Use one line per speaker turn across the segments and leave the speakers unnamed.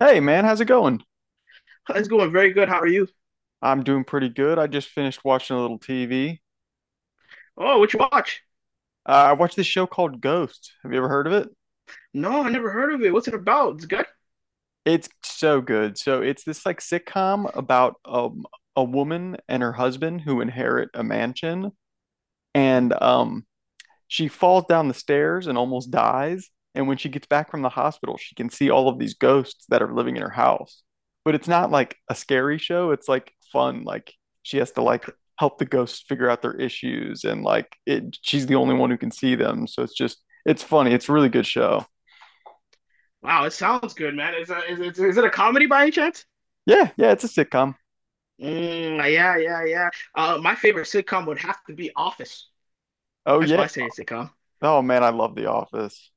Hey man, how's it going?
It's going very good. How are you?
I'm doing pretty good. I just finished watching a little TV.
Oh, what you watch?
I watched this show called Ghost. Have you ever heard of it?
No, I never heard of it. What's it about? It's good.
It's so good. So it's this like sitcom about a woman and her husband who inherit a mansion,
Hmm?
and she falls down the stairs and almost dies. And when she gets back from the hospital, she can see all of these ghosts that are living in her house. But it's not like a scary show. It's like fun. Like she has to like help the ghosts figure out their issues and like it she's the only one who can see them. So it's just it's funny. It's a really good show.
Wow, it sounds good, man. Is it a comedy by any chance?
Yeah, yeah, it's a sitcom.
Mm, yeah, yeah, yeah. My favorite sitcom would have to be Office.
Oh
That's my
yeah.
favorite sitcom.
Oh man, I love The Office.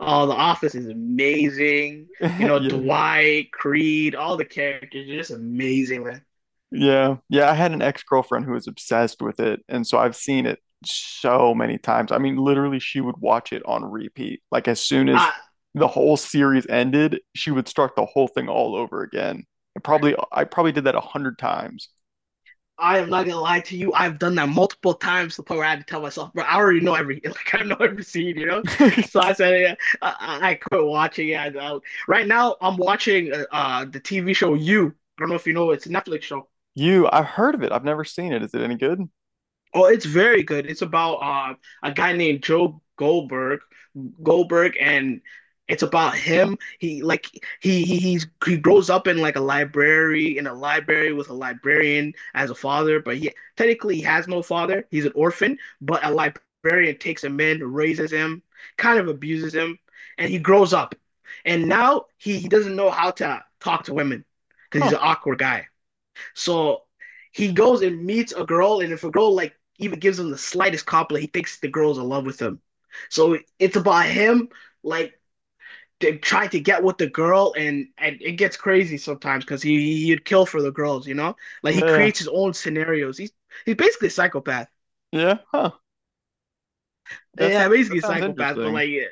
Oh, The Office is amazing. You know,
Yeah.
Dwight, Creed, all the characters are just amazing, man.
Yeah. Yeah. I had an ex-girlfriend who was obsessed with it. And so I've seen it so many times. I mean, literally, she would watch it on repeat. Like, as soon as
I,
the whole series ended, she would start the whole thing all over again. And probably, I probably did that a hundred times.
I am not gonna lie to you. I've done that multiple times to the point where I had to tell myself, bro, I already know every like I know every scene, you know. So I said, yeah, I quit watching. Yeah, right now I'm watching the TV show You. I don't know if you know, it's a Netflix show.
You, I've heard of it. I've never seen it. Is it any good?
Oh, it's very good. It's about a guy named Joe Goldberg, Goldberg, and it's about him. He like he he's, He grows up in like a library with a librarian as a father, but he technically he has no father. He's an orphan, but a librarian takes him in, raises him, kind of abuses him, and he grows up. And now he doesn't know how to talk to women because he's
Huh.
an awkward guy. So he goes and meets a girl, and if a girl like even gives him the slightest compliment, he thinks the girl's in love with him. So it's about him like trying to get with the girl, and it gets crazy sometimes because he'd kill for the girls, you know? Like he
Yeah.
creates his own scenarios. He's basically a psychopath.
Yeah. Huh. That
Yeah,
sounds,
basically
that
a
sounds
psychopath, but
interesting.
like yeah,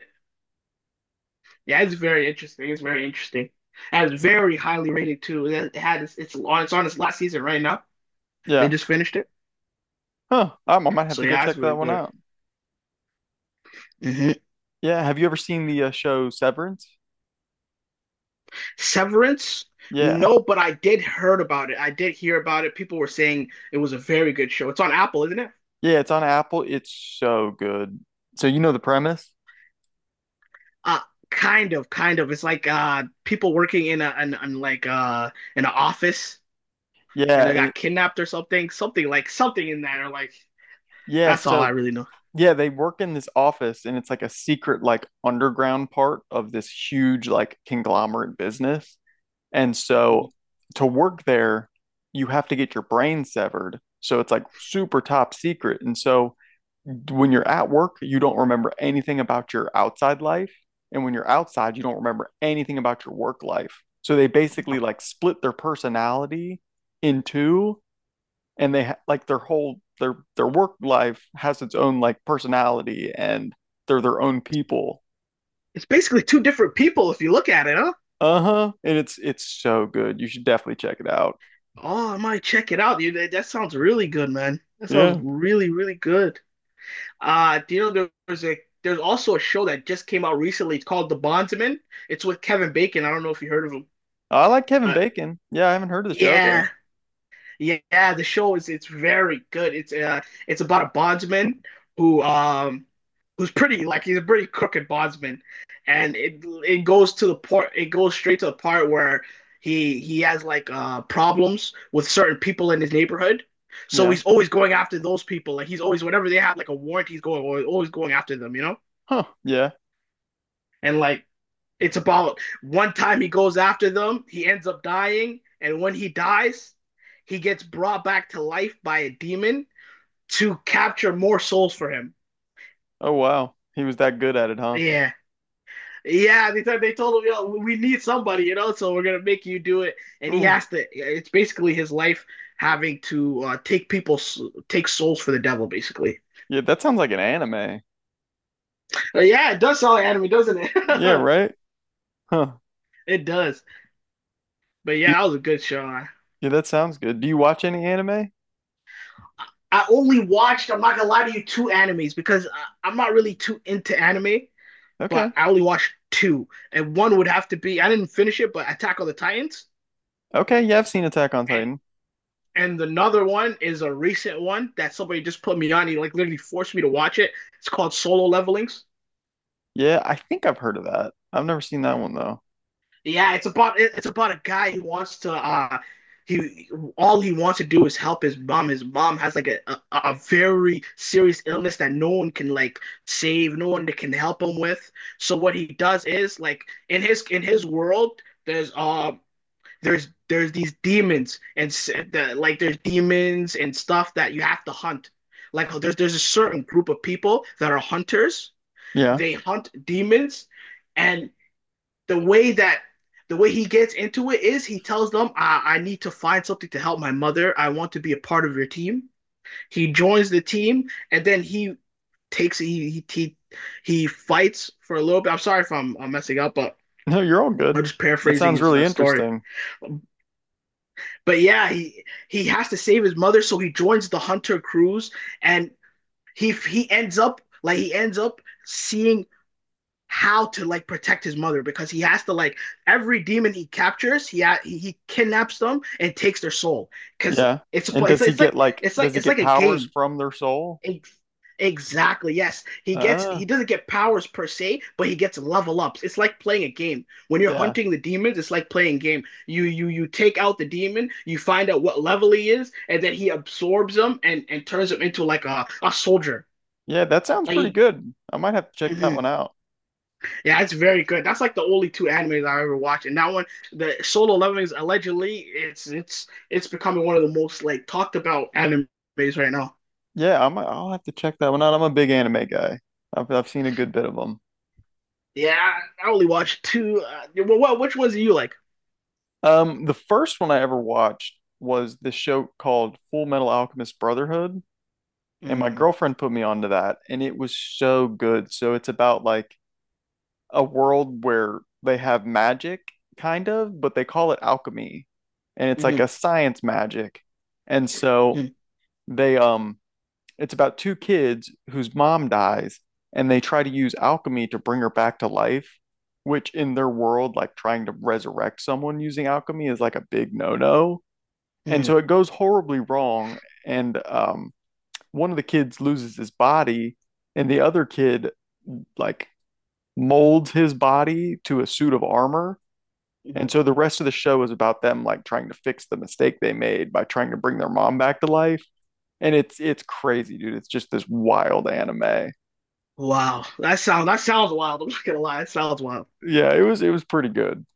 yeah, it's very interesting. It's very interesting. And it's very highly rated too. And It had it's on its last season right now. They
Yeah.
just finished it.
Huh. I might have
So
to go
yeah, it's
check that
very
one
good.
out.
hmm
Yeah. Have you ever seen the show Severance?
Severance?
Yeah.
No, but I did heard about it. I did hear about it. People were saying it was a very good show. It's on Apple, isn't it?
Yeah, it's on Apple. It's so good. So you know the premise?
Uh, Kind of, kind of. It's like people working in an in an office and
Yeah,
they
it,
got kidnapped or something. Something like something in that or like
yeah,
that's all I
so
really know.
yeah, they work in this office and it's like a secret like underground part of this huge like conglomerate business. And so
Wow.
to work there, you have to get your brain severed. So it's like super top secret. And so when you're at work, you don't remember anything about your outside life. And when you're outside, you don't remember anything about your work life. So they basically like split their personality in two and like their whole their work life has its own like personality and they're their own people.
It's basically two different people if you look at it, huh?
Uh-huh. And it's so good. You should definitely check it out.
Oh, I might check it out, dude. That sounds really good, man. That sounds
Yeah.
really, really good. Do you know there's also a show that just came out recently. It's called The Bondsman. It's with Kevin Bacon. I don't know if you heard of him,
I like Kevin
but
Bacon. Yeah, I haven't heard of the show though.
yeah, yeah, yeah, the show is it's very good. It's about a bondsman who who's pretty like he's a pretty crooked bondsman, and it goes to the part it goes straight to the part where he has like problems with certain people in his neighborhood. So
Yeah.
he's always going after those people. Like he's always whenever they have like a warrant, he's going always going after them. You know.
Huh. Yeah.
And like it's about one time he goes after them, he ends up dying, and when he dies, he gets brought back to life by a demon to capture more souls for him.
Oh wow. He was that good at it, huh?
Yeah. Yeah, they told him, yo, we need somebody, you know, so we're going to make you do it. And he
Ooh.
has to, it's basically his life having to take souls for the devil, basically.
Yeah, that sounds like an anime.
But yeah, it does sound like anime, doesn't
Yeah,
it?
right? Huh.
It does. But yeah,
You,
that was a good show.
yeah, that sounds good. Do you watch any anime?
I only watched, I'm not gonna lie to you, two animes because am not really too into anime, but
Okay.
I only watched two. And one would have to be, I didn't finish it, but Attack on the Titans.
Okay, yeah, I've seen Attack on
And
Titan.
another one is a recent one that somebody just put me on. He like literally forced me to watch it. It's called Solo Levelings.
Yeah, I think I've heard of that. I've never seen that one though.
Yeah, it's about a guy who wants to he all he wants to do is help his mom. His mom has like a very serious illness that no one can like save, no one that can help him with. So what he does is like in his world, there's there's these demons and there's demons and stuff that you have to hunt. Like there's a certain group of people that are hunters.
Yeah.
They hunt demons. And the way that the way he gets into it is he tells them, I need to find something to help my mother. I want to be a part of your team. He joins the team and then he takes he, fights for a little bit. I'm sorry if I'm messing up, but
No, you're all good.
I'm just
That
paraphrasing
sounds
his
really
story.
interesting.
But yeah, he has to save his mother, so he joins the hunter crews and he ends up like he ends up seeing how to like protect his mother because he has to like every demon he captures, he kidnaps them and takes their soul because
Yeah.
it's a
And
play.
does he
It's
get
like
like does he
it's
get
like a
powers
game.
from their soul?
Ex- Exactly. Yes,
Uh,
he doesn't get powers per se, but he gets level ups. It's like playing a game. When you're
yeah.
hunting the demons, it's like playing game. You take out the demon, you find out what level he is, and then he absorbs them and turns him into like a soldier.
Yeah, that sounds pretty
Like.
good. I might have to check that one
Mhm.
out.
Yeah, it's very good. That's like the only two animes I've ever watched, and that one, the Solo Leveling, is allegedly it's it's becoming one of the most like talked about animes right now.
Yeah, I'll have to check that one out. I'm a big anime guy. I've seen a good bit of them.
Yeah, I only watched two. Yeah, well, what which ones do you like?
The first one I ever watched was this show called Full Metal Alchemist Brotherhood, and my
Mm,
girlfriend put me onto that, and it was so good. So it's about like a world where they have magic, kind of, but they call it alchemy, and it's like
mm,
a science magic. And so
mm,
they it's about two kids whose mom dies, and they try to use alchemy to bring her back to life. Which in their world, like trying to resurrect someone using alchemy is like a big no-no. And
mm,
so it goes horribly wrong. And one of the kids loses his body, and the other kid, like, molds his body to a suit of armor. And
mm.
so the rest of the show is about them like trying to fix the mistake they made by trying to bring their mom back to life. And it's crazy, dude. It's just this wild anime.
Wow, that sounds wild. I'm not gonna lie, that sounds wild.
Yeah, it was pretty good.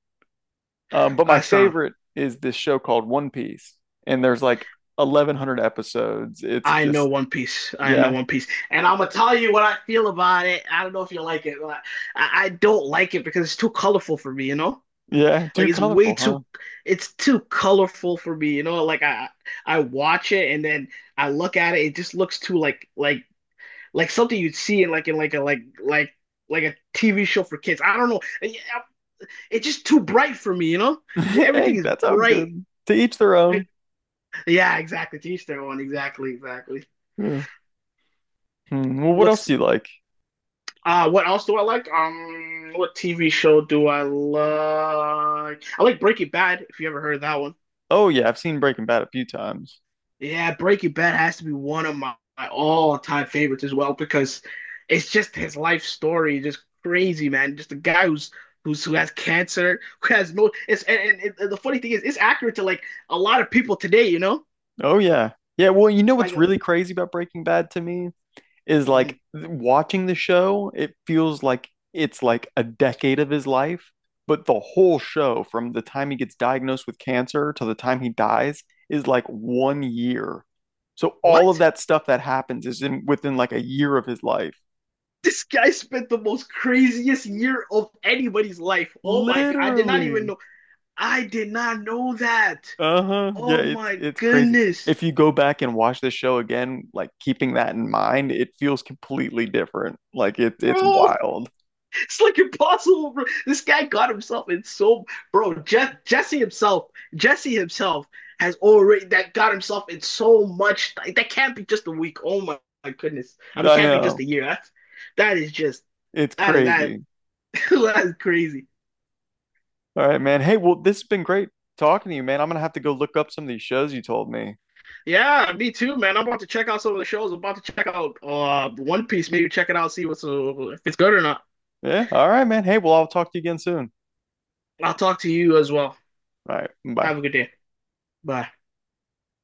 But my
That sound.
favorite is this show called One Piece, and there's like 1,100 episodes. It's
I know
just
One Piece. I know
yeah,
One Piece, and I'm gonna tell you what I feel about it. I don't know if you like it. But I don't like it because it's too colorful for me. You know.
yeah, too
Like it's way
colorful,
too
huh?
it's too colorful for me, you know? Like I watch it and then I look at it, it just looks too like something you'd see in like a a TV show for kids. I don't know. Yeah, it's just too bright for me, you know? It's- just- Everything
hey,
is
that's all
bright.
good. To each their own.
Yeah, exactly. To each their own. Exactly, exactly.
Yeah. Hmm. Well, what else do
What's
you like?
what else do I like? What TV show do I like? I like Breaking Bad, if you ever heard of that one.
Oh yeah, I've seen Breaking Bad a few times.
Yeah, Breaking Bad has to be one of my all-time favorites as well because it's just his life story, just crazy, man. Just a guy who has cancer, who has no. It's and the funny thing is, it's accurate to like a lot of people today. You know,
Oh yeah. Yeah, well, you know
like
what's really crazy about Breaking Bad to me is
mhm,
like watching the show, it feels like it's like a decade of his life, but the whole show from the time he gets diagnosed with cancer to the time he dies is like one year. So all of
what?
that stuff that happens is in within like a year of his life.
This guy spent the most craziest year of anybody's life. Oh my God, I did not even
Literally.
know. I did not know that.
Uh-huh. Yeah,
Oh
it's
my
it's crazy.
goodness,
If you go back and watch the show again, like keeping that in mind, it feels completely different. Like it's
bro.
wild.
It's like impossible. Bro. This guy got himself in so bro. Jesse himself has already that got himself in so much. That can't be just a week. Oh my, my goodness. I mean, it
I
can't be just
know.
a year. That is just
It's
that
crazy.
that is crazy.
All right, man. Hey, well, this has been great talking to you, man. I'm gonna have to go look up some of these shows you told me.
Yeah, me too, man. I'm about to check out some of the shows. I'm about to check out One Piece. Maybe check it out, see what's if it's good or not.
Yeah. All right, man. Hey, well, I'll talk to you again soon.
I'll talk to you as well.
All right. Bye.
Have a good day. Bye.